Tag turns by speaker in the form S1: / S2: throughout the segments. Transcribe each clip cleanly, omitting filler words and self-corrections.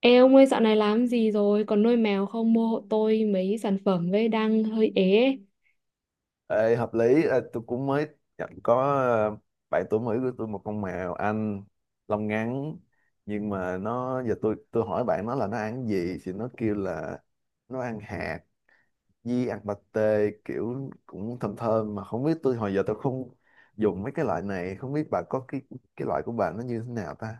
S1: Ê ông ơi, dạo này làm gì rồi? Còn nuôi mèo không? Mua hộ tôi mấy sản phẩm với, đang hơi ế ấy.
S2: Ê, hợp lý. Ờ, tôi cũng mới nhận có ờ, bạn tuổi mới của tôi một con mèo anh lông ngắn, nhưng mà nó giờ tôi hỏi bạn nó là nó ăn gì thì nó kêu là nó ăn hạt với ăn pate kiểu cũng thơm thơm, mà không biết tôi hồi giờ tôi không dùng mấy cái loại này, không biết bà có cái loại của bà nó như thế nào ta.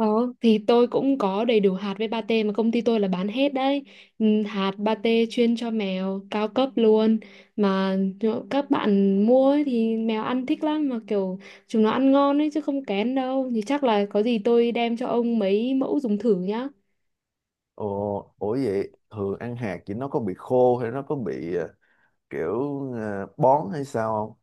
S1: Đó, thì tôi cũng có đầy đủ hạt với pate mà công ty tôi là bán hết đấy. Ừ, hạt pate chuyên cho mèo cao cấp luôn. Mà nhỡ các bạn mua ấy, thì mèo ăn thích lắm. Mà kiểu chúng nó ăn ngon ấy chứ không kén đâu. Thì chắc là có gì tôi đem cho ông mấy mẫu dùng thử nhá.
S2: Ồ, ủa vậy thường ăn hạt thì nó có bị khô hay nó có bị kiểu bón hay sao?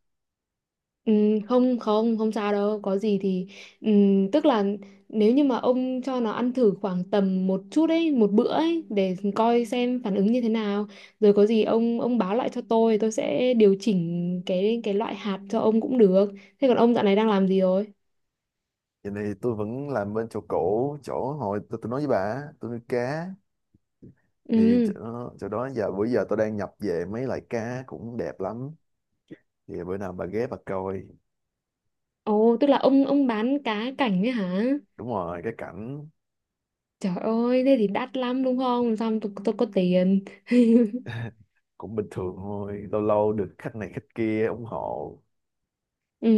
S1: Ừ, không không không sao đâu, có gì thì ừ, tức là nếu như mà ông cho nó ăn thử khoảng tầm một chút ấy, một bữa ấy, để coi xem phản ứng như thế nào, rồi có gì ông báo lại cho tôi sẽ điều chỉnh cái loại hạt cho ông cũng được. Thế còn ông dạo này đang làm gì rồi?
S2: Vậy thì tôi vẫn làm bên chỗ cũ, chỗ hồi tôi nói với bà á, tôi nuôi cá. Thì
S1: Ừ.
S2: chỗ đó giờ bữa giờ tôi đang nhập về mấy loại cá cũng đẹp lắm, thì bữa nào bà ghé bà coi.
S1: Ồ, tức là ông bán cá cảnh ấy hả?
S2: Đúng rồi, cái cảnh.
S1: Trời ơi, thế thì đắt lắm đúng không, làm sao tôi có tiền.
S2: Cũng bình thường thôi, lâu lâu được khách này khách kia ủng hộ.
S1: Ừ.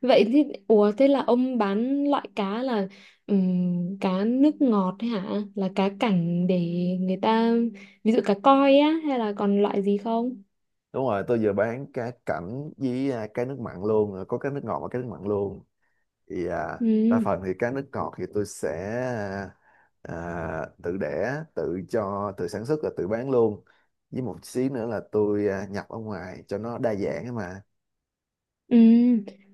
S1: Vậy thì, ủa, thế là ông bán loại cá là cá nước ngọt ấy hả? Là cá cảnh để người ta, ví dụ cá koi á, hay là còn loại gì không?
S2: Đúng rồi, tôi vừa bán cá cảnh với cá nước mặn luôn, có cá nước ngọt và cá nước mặn luôn. Thì đa
S1: Ừ.
S2: phần thì các nước ngọt thì tôi sẽ tự đẻ tự cho, tự sản xuất và tự bán luôn, với một xí nữa là tôi nhập ở ngoài cho nó đa dạng ấy mà.
S1: Ừ.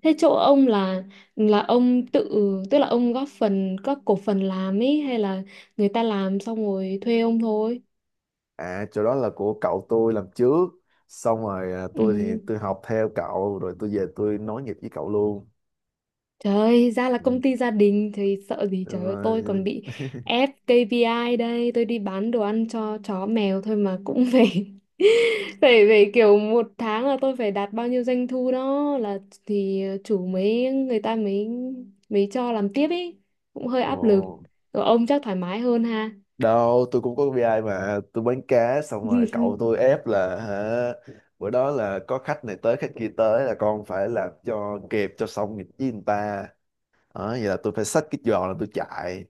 S1: Thế chỗ ông là ông tự, tức là ông góp phần, góp cổ phần làm ấy, hay là người ta làm xong rồi thuê ông thôi?
S2: Chỗ đó là của cậu tôi làm trước, xong rồi
S1: Ừ.
S2: tôi thì tôi học theo cậu rồi tôi về tôi nối nghiệp với cậu luôn.
S1: Trời ơi, ra là công ty gia đình thì sợ gì.
S2: Ừ,
S1: Trời ơi, tôi
S2: rồi-
S1: còn bị ép KPI đây, tôi đi bán đồ ăn cho chó mèo thôi mà cũng phải phải phải kiểu một tháng là tôi phải đạt bao nhiêu doanh thu đó, là thì chủ mới người ta mới, mới cho làm tiếp ấy, cũng hơi
S2: ồ,
S1: áp lực. Rồi ông chắc thoải mái hơn ha.
S2: đâu, tôi cũng có KPI mà. Tôi bán cá xong rồi cậu tôi ép là, hả, bữa đó là có khách này tới khách kia tới là con phải làm cho kịp cho xong nghịch với người ta. Đó, vậy là tôi phải xách cái giò là tôi chạy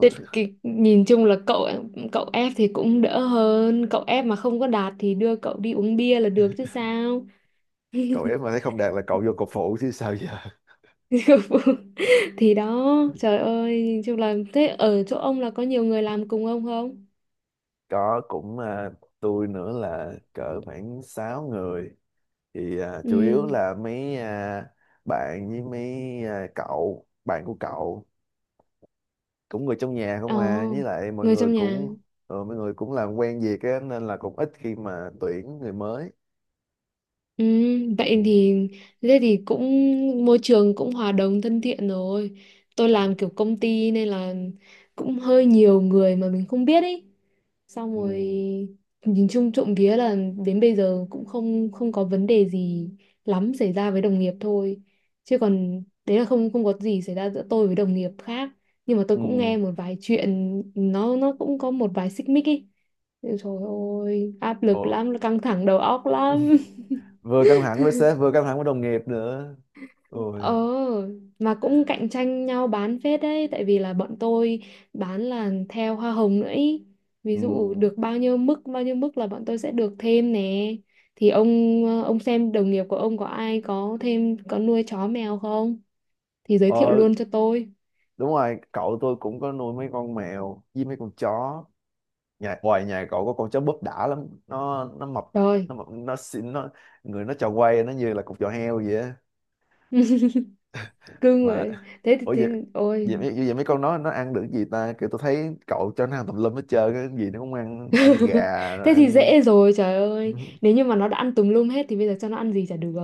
S1: Thế cái, nhìn chung là cậu cậu ép thì cũng đỡ hơn, cậu ép mà không có đạt thì đưa cậu đi uống bia là được chứ sao.
S2: Cậu ép mà thấy không đạt là cậu vô cậu phụ chứ sao giờ.
S1: Thì đó, trời ơi, chung là thế. Ở chỗ ông là có nhiều người làm cùng ông không?
S2: Có cũng tôi nữa là cỡ khoảng 6 người. Thì chủ yếu
S1: Ừ.
S2: là mấy bạn với mấy cậu bạn của cậu, cũng người trong nhà
S1: Ồ,
S2: không à, với lại mọi
S1: người
S2: người
S1: trong nhà.
S2: cũng mọi người cũng làm quen việc á nên là cũng ít khi mà tuyển người mới.
S1: Ừ,
S2: Ừ.
S1: vậy thì, thế thì cũng, môi trường cũng hòa đồng thân thiện rồi. Tôi
S2: À.
S1: làm kiểu công ty nên là cũng hơi nhiều người mà mình không biết ý. Xong rồi
S2: Ừ.
S1: nhìn chung trộm vía là đến bây giờ cũng không không có vấn đề gì lắm xảy ra với đồng nghiệp thôi, chứ còn đấy là không không có gì xảy ra giữa tôi với đồng nghiệp khác. Nhưng mà tôi cũng
S2: Ừ.
S1: nghe một vài chuyện, nó cũng có một vài xích mích ý. Trời ơi, áp lực
S2: Ồ.
S1: lắm, căng thẳng đầu óc lắm.
S2: Vừa căng thẳng với sếp vừa căng thẳng với đồng nghiệp nữa, ôi.
S1: Ờ, mà cũng cạnh tranh nhau bán phết đấy, tại vì là bọn tôi bán là theo hoa hồng nữa ý. Ví
S2: Ừ.
S1: dụ được bao nhiêu mức là bọn tôi sẽ được thêm nè. Thì ông, ông xem đồng nghiệp của ông có ai có thêm, có nuôi chó mèo không? Thì giới thiệu
S2: ờ,
S1: luôn cho tôi.
S2: Đúng rồi, cậu tôi cũng có nuôi mấy con mèo với mấy con chó. Nhà ngoài nhà cậu có con chó búp đã lắm, nó mập, nó
S1: Rồi,
S2: mập nó xinh, nó người nó tròn quay, nó như là cục giò heo vậy á.
S1: cưng
S2: Mà
S1: rồi. Thế
S2: ủa
S1: thì
S2: vậy,
S1: ôi.
S2: vậy mấy con nó ăn được gì ta? Kiểu tôi thấy cậu cho nó ăn tùm lum hết trơn, cái gì nó cũng ăn, ăn gà rồi
S1: Thế thì
S2: ăn
S1: dễ rồi, trời ơi. Nếu như mà nó đã ăn tùm lum hết thì bây giờ cho nó ăn gì chả được,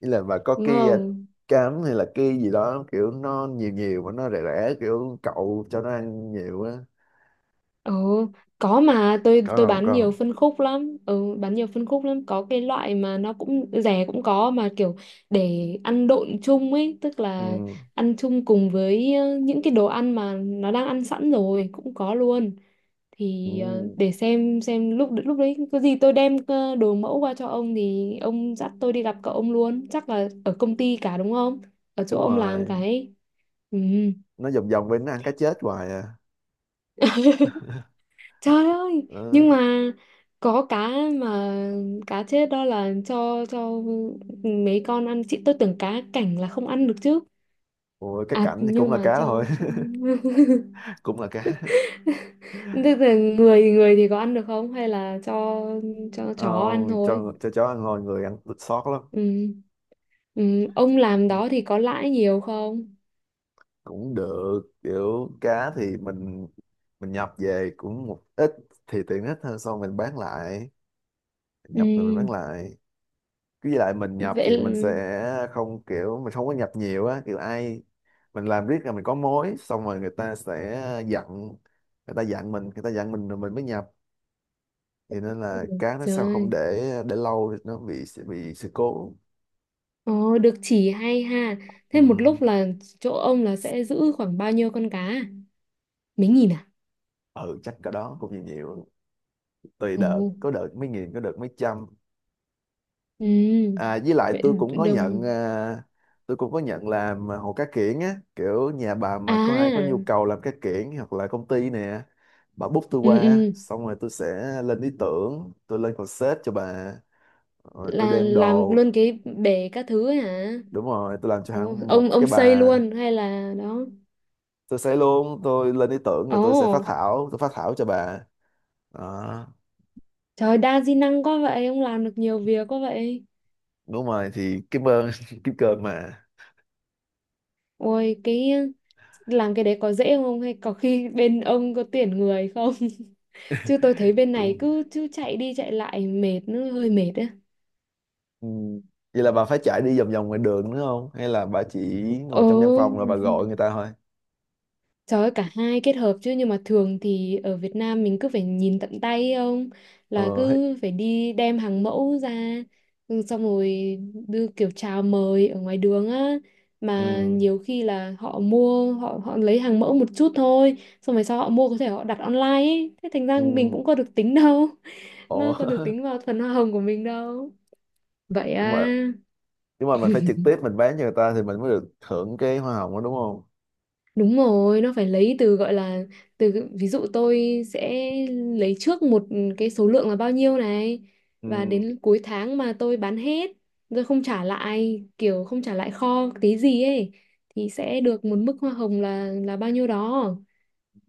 S2: ý là mà có
S1: đúng
S2: cái
S1: không?
S2: cám hay là cái gì đó kiểu nó nhiều nhiều mà nó rẻ rẻ, kiểu cậu cho nó ăn nhiều á.
S1: Ừ, có mà tôi
S2: Có
S1: tôi
S2: không,
S1: bán
S2: có
S1: nhiều
S2: không?
S1: phân khúc lắm. Ừ, bán nhiều phân khúc lắm. Có cái loại mà nó cũng rẻ cũng có, mà kiểu để ăn độn chung ấy, tức là
S2: Ừ.
S1: ăn chung cùng với những cái đồ ăn mà nó đang ăn sẵn rồi, cũng có luôn.
S2: Ừ,
S1: Thì để xem lúc lúc đấy có gì tôi đem đồ mẫu qua cho ông, thì ông dắt tôi đi gặp cậu ông luôn. Chắc là ở công ty cả đúng không? Ở chỗ
S2: đúng
S1: ông làm
S2: rồi,
S1: cái. Ừ.
S2: nó vòng vòng bên nó ăn cá chết hoài à.
S1: Trời ơi, nhưng
S2: Ừ.
S1: mà có cá mà, cá chết đó là cho mấy con ăn, chị tôi tưởng cá cảnh là không ăn được chứ.
S2: Ủa, cái
S1: À
S2: cảnh thì cũng
S1: nhưng
S2: là
S1: mà
S2: cá thôi.
S1: cho
S2: Cũng là cá.
S1: thế là người, người thì có ăn được không hay là cho
S2: ờ,
S1: chó ăn thôi?
S2: cho chó ăn hồi người ăn thịt sót lắm.
S1: Ừ. Ừ. Ông làm
S2: Ừ.
S1: đó thì có lãi nhiều không?
S2: Cũng được, kiểu cá thì mình nhập về cũng một ít thì tiện ích hơn, sau mình bán lại,
S1: Ừ.
S2: nhập rồi mình bán lại. Cứ với lại mình nhập
S1: Vậy
S2: thì mình
S1: là,
S2: sẽ không, kiểu mình không có nhập nhiều á, kiểu ai mình làm riết là mình có mối xong rồi người ta sẽ dặn, người ta dặn mình, người ta dặn mình rồi mình mới nhập. Thì nên là cá nó
S1: trời
S2: sao không
S1: ơi.
S2: để, để lâu thì nó bị sự cố.
S1: Ồ, được chỉ hay ha.
S2: Ừ.
S1: Thế một lúc là chỗ ông là sẽ giữ khoảng bao nhiêu con cá? Mấy nghìn à?
S2: Ừ, chắc cái đó cũng nhiều nhiều, tùy đợt,
S1: Ồ.
S2: có đợt mấy nghìn, có đợt mấy trăm.
S1: Ừ.
S2: À, với lại
S1: Vậy
S2: tôi cũng có nhận
S1: đồng
S2: tôi cũng có nhận làm hồ cá kiển á, kiểu nhà bà mà có ai có nhu
S1: à,
S2: cầu làm cá kiển hoặc là công ty nè, bà book tôi
S1: ừ,
S2: qua
S1: ừ,
S2: xong rồi tôi sẽ lên ý tưởng, tôi lên concept cho bà, rồi tôi
S1: là
S2: đem
S1: làm
S2: đồ.
S1: luôn cái bể các thứ hả?
S2: Đúng rồi, tôi làm cho
S1: Ồ,
S2: hẳn một
S1: ông
S2: cái
S1: ông xây
S2: bà.
S1: luôn hay là đó?
S2: Tôi sẽ luôn, tôi lên ý tưởng rồi
S1: Ồ,
S2: tôi sẽ phát thảo, tôi phát thảo cho bà đó.
S1: trời, đa di năng quá vậy, ông làm được nhiều việc quá vậy.
S2: Đúng rồi thì cảm ơn. Kim cơm mà.
S1: Ôi cái, làm cái đấy có dễ không, hay có khi bên ông có tuyển người không? Chứ tôi thấy bên này
S2: Cũng
S1: cứ cứ chạy đi chạy lại mệt, nó hơi mệt á.
S2: ừ. Vậy là bà phải chạy đi vòng vòng ngoài đường nữa không? Hay là bà chỉ
S1: Ồ.
S2: ngồi trong văn phòng rồi bà gọi người ta thôi?
S1: Trời ơi, cả hai kết hợp chứ, nhưng mà thường thì ở Việt Nam mình cứ phải nhìn tận tay, không là
S2: Ờ, hết-
S1: cứ phải đi đem hàng mẫu ra, ừ, xong rồi đưa kiểu chào mời ở ngoài đường á. Mà
S2: ừ,
S1: nhiều khi là họ mua, họ họ lấy hàng mẫu một chút thôi, xong rồi sau họ mua có thể họ đặt online ấy. Thế thành ra mình
S2: ừ,
S1: cũng có được tính đâu,
S2: ồ,
S1: nó có được tính vào phần hoa hồng của mình đâu. Vậy
S2: nhưng
S1: à.
S2: mà, nhưng mà mình phải trực tiếp mình bán cho người ta thì mình mới được hưởng cái hoa hồng đó đúng không?
S1: Đúng rồi, nó phải lấy từ, gọi là, từ ví dụ tôi sẽ lấy trước một cái số lượng là bao nhiêu này,
S2: Ừ,
S1: và đến cuối tháng mà tôi bán hết rồi không trả lại, kiểu không trả lại kho tí gì ấy, thì sẽ được một mức hoa hồng là bao nhiêu đó.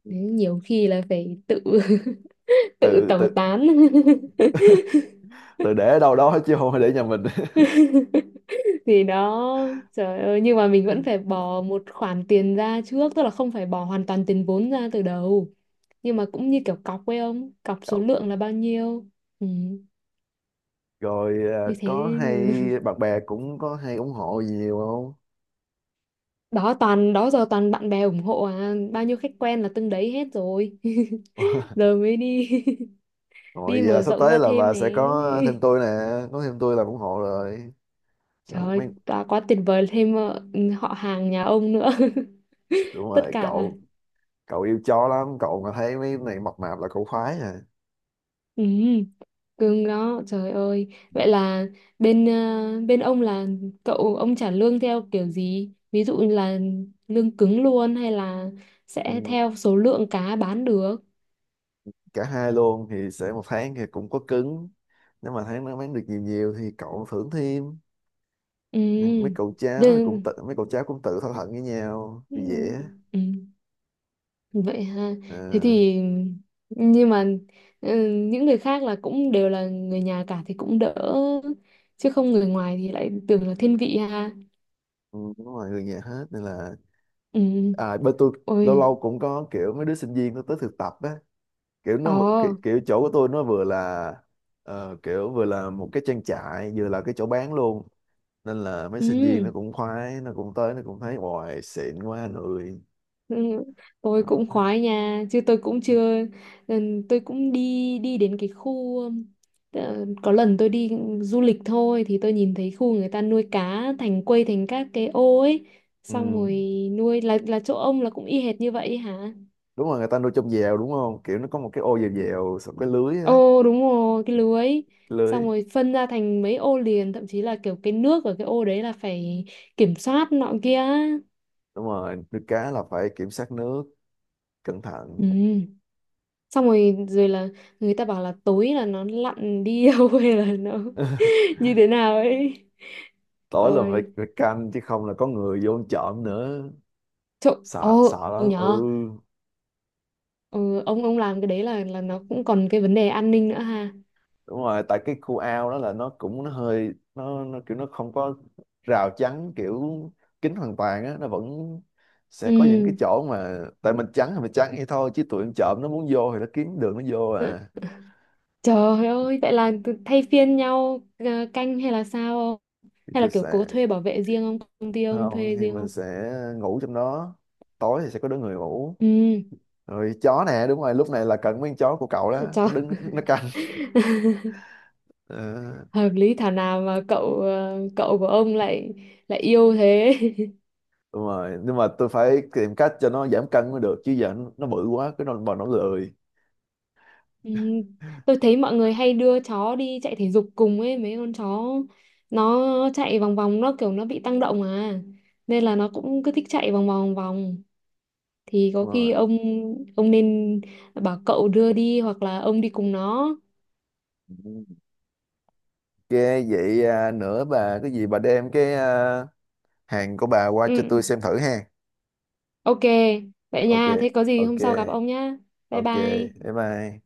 S1: Đấy, nhiều khi là phải tự tự
S2: tự
S1: tẩu
S2: tự
S1: tán.
S2: tự để ở đâu đó chứ không phải để nhà mình.
S1: Thì đó, trời ơi, nhưng mà mình vẫn phải bỏ một khoản tiền ra trước, tức là không phải bỏ hoàn toàn tiền vốn ra từ đầu, nhưng mà cũng như kiểu cọc ấy, ông cọc số
S2: Cậu-
S1: lượng là bao nhiêu, ừ,
S2: rồi
S1: như
S2: có
S1: thế.
S2: hay bạn bè cũng có hay ủng hộ gì nhiều không?
S1: Đó, toàn, đó giờ toàn bạn bè ủng hộ à, bao nhiêu khách quen là từng đấy hết rồi. Giờ mới đi
S2: Rồi
S1: đi
S2: vậy là
S1: mở
S2: sắp
S1: rộng
S2: tới
S1: ra
S2: là
S1: thêm
S2: bà
S1: nè.
S2: sẽ có thêm tôi nè, có thêm tôi là ủng hộ rồi. Trời,
S1: Trời ơi,
S2: mấy
S1: đã quá, tuyệt vời, thêm họ hàng nhà ông nữa.
S2: đúng
S1: Tất
S2: rồi,
S1: cả.
S2: cậu cậu yêu chó lắm, cậu mà thấy mấy này mập mạp là cậu khoái à.
S1: Ừ. Cưng đó, trời ơi. Vậy là bên, bên ông là cậu ông trả lương theo kiểu gì, ví dụ như là lương cứng luôn, hay là sẽ
S2: Ừ,
S1: theo số lượng cá bán được?
S2: cả hai luôn, thì sẽ một tháng thì cũng có cứng, nếu mà thấy nó bán được nhiều nhiều thì cậu thưởng thêm.
S1: Ừ
S2: Mấy cậu cháu thì cũng tự,
S1: đơn.
S2: mấy cậu cháu cũng tự thỏa thuận với nhau
S1: Ừ.
S2: thì dễ.
S1: Ừ. Vậy ha. Thế
S2: Ờ,
S1: thì, nhưng mà, ừ, những người khác là cũng đều là người nhà cả thì cũng đỡ, chứ không người ngoài thì lại tưởng là thiên vị ha.
S2: ừ, đúng rồi, người nhà hết nên là
S1: Ừ.
S2: bên tôi lâu
S1: Ôi.
S2: lâu cũng có kiểu mấy đứa sinh viên nó tới thực tập á,
S1: Ồ.
S2: kiểu chỗ của tôi nó vừa là kiểu vừa là một cái trang trại vừa là cái chỗ bán luôn, nên là mấy sinh viên
S1: Ừ.
S2: nó cũng khoái, nó cũng tới, nó cũng thấy hoài xịn quá người.
S1: Ừ, tôi
S2: Ờ.
S1: cũng khoái nha, chứ tôi cũng chưa, ừ, tôi cũng đi đi đến cái khu, có lần tôi đi du lịch thôi thì tôi nhìn thấy khu người ta nuôi cá thành quây thành các cái ô ấy, xong
S2: Ừ.
S1: rồi nuôi, là chỗ ông là cũng y hệt như vậy hả?
S2: Đúng rồi, người ta nuôi trong dèo đúng không, kiểu nó có một cái ô dèo dèo xong cái lưới á.
S1: Ồ, đúng rồi, cái lưới.
S2: Cái lưới.
S1: Xong rồi phân ra thành mấy ô liền, thậm chí là kiểu cái nước ở cái ô đấy là phải kiểm soát nọ kia.
S2: Đúng rồi, nuôi cá là phải kiểm soát nước cẩn thận.
S1: Ừ. Xong rồi, rồi là người ta bảo là tối là nó lặn đi đâu, hay là nó như thế nào ấy.
S2: Tối là phải
S1: Ôi,
S2: phải canh, chứ không là có người vô ăn trộm nữa.
S1: trộn
S2: Sợ
S1: ô,
S2: sợ
S1: ừ
S2: lắm, ừ.
S1: nhờ. Ừ, ông làm cái đấy là nó cũng còn cái vấn đề an ninh nữa ha.
S2: Đúng rồi, tại cái khu ao đó là nó cũng nó hơi nó kiểu nó không có rào chắn kiểu kín hoàn toàn á, nó vẫn sẽ có những cái
S1: Ừ.
S2: chỗ mà tại mình chắn thì mình chắn vậy thôi, chứ tụi em trộm nó muốn vô thì nó kiếm đường nó vô
S1: Ừ,
S2: à.
S1: trời ơi, vậy là cứ thay phiên nhau canh hay là sao không?
S2: Thì
S1: Hay là
S2: tôi
S1: kiểu
S2: sẽ
S1: cố thuê bảo vệ riêng không, công ty ông
S2: không,
S1: thuê
S2: thì
S1: riêng
S2: mình
S1: không?
S2: sẽ ngủ trong đó, tối thì sẽ có đứa người ngủ,
S1: Ừ.
S2: rồi chó nè, đúng rồi lúc này là cần mấy con chó của cậu đó, nó
S1: Trời.
S2: đứng nó canh. Ờ,
S1: Hợp lý, thảo nào mà cậu, cậu của ông lại, lại yêu thế.
S2: đúng rồi, nhưng mà tôi phải tìm cách cho nó giảm cân mới được, chứ giờ nó bự quá cái nó bọn nó lười.
S1: Ừ, tôi thấy mọi người hay đưa chó đi chạy thể dục cùng ấy, mấy con chó nó chạy vòng vòng, nó kiểu nó bị tăng động à, nên là nó cũng cứ thích chạy vòng vòng vòng. Thì có
S2: Đúng
S1: khi ông nên bảo cậu đưa đi hoặc là ông đi cùng nó.
S2: rồi. Cái vậy à, nữa bà cái gì bà đem cái hàng của bà qua cho
S1: Ừ.
S2: tôi xem thử ha.
S1: OK. Vậy
S2: Ok,
S1: nha, thế có gì
S2: ok,
S1: hôm sau gặp ông nhá. Bye
S2: ok.
S1: bye.
S2: Bye bye.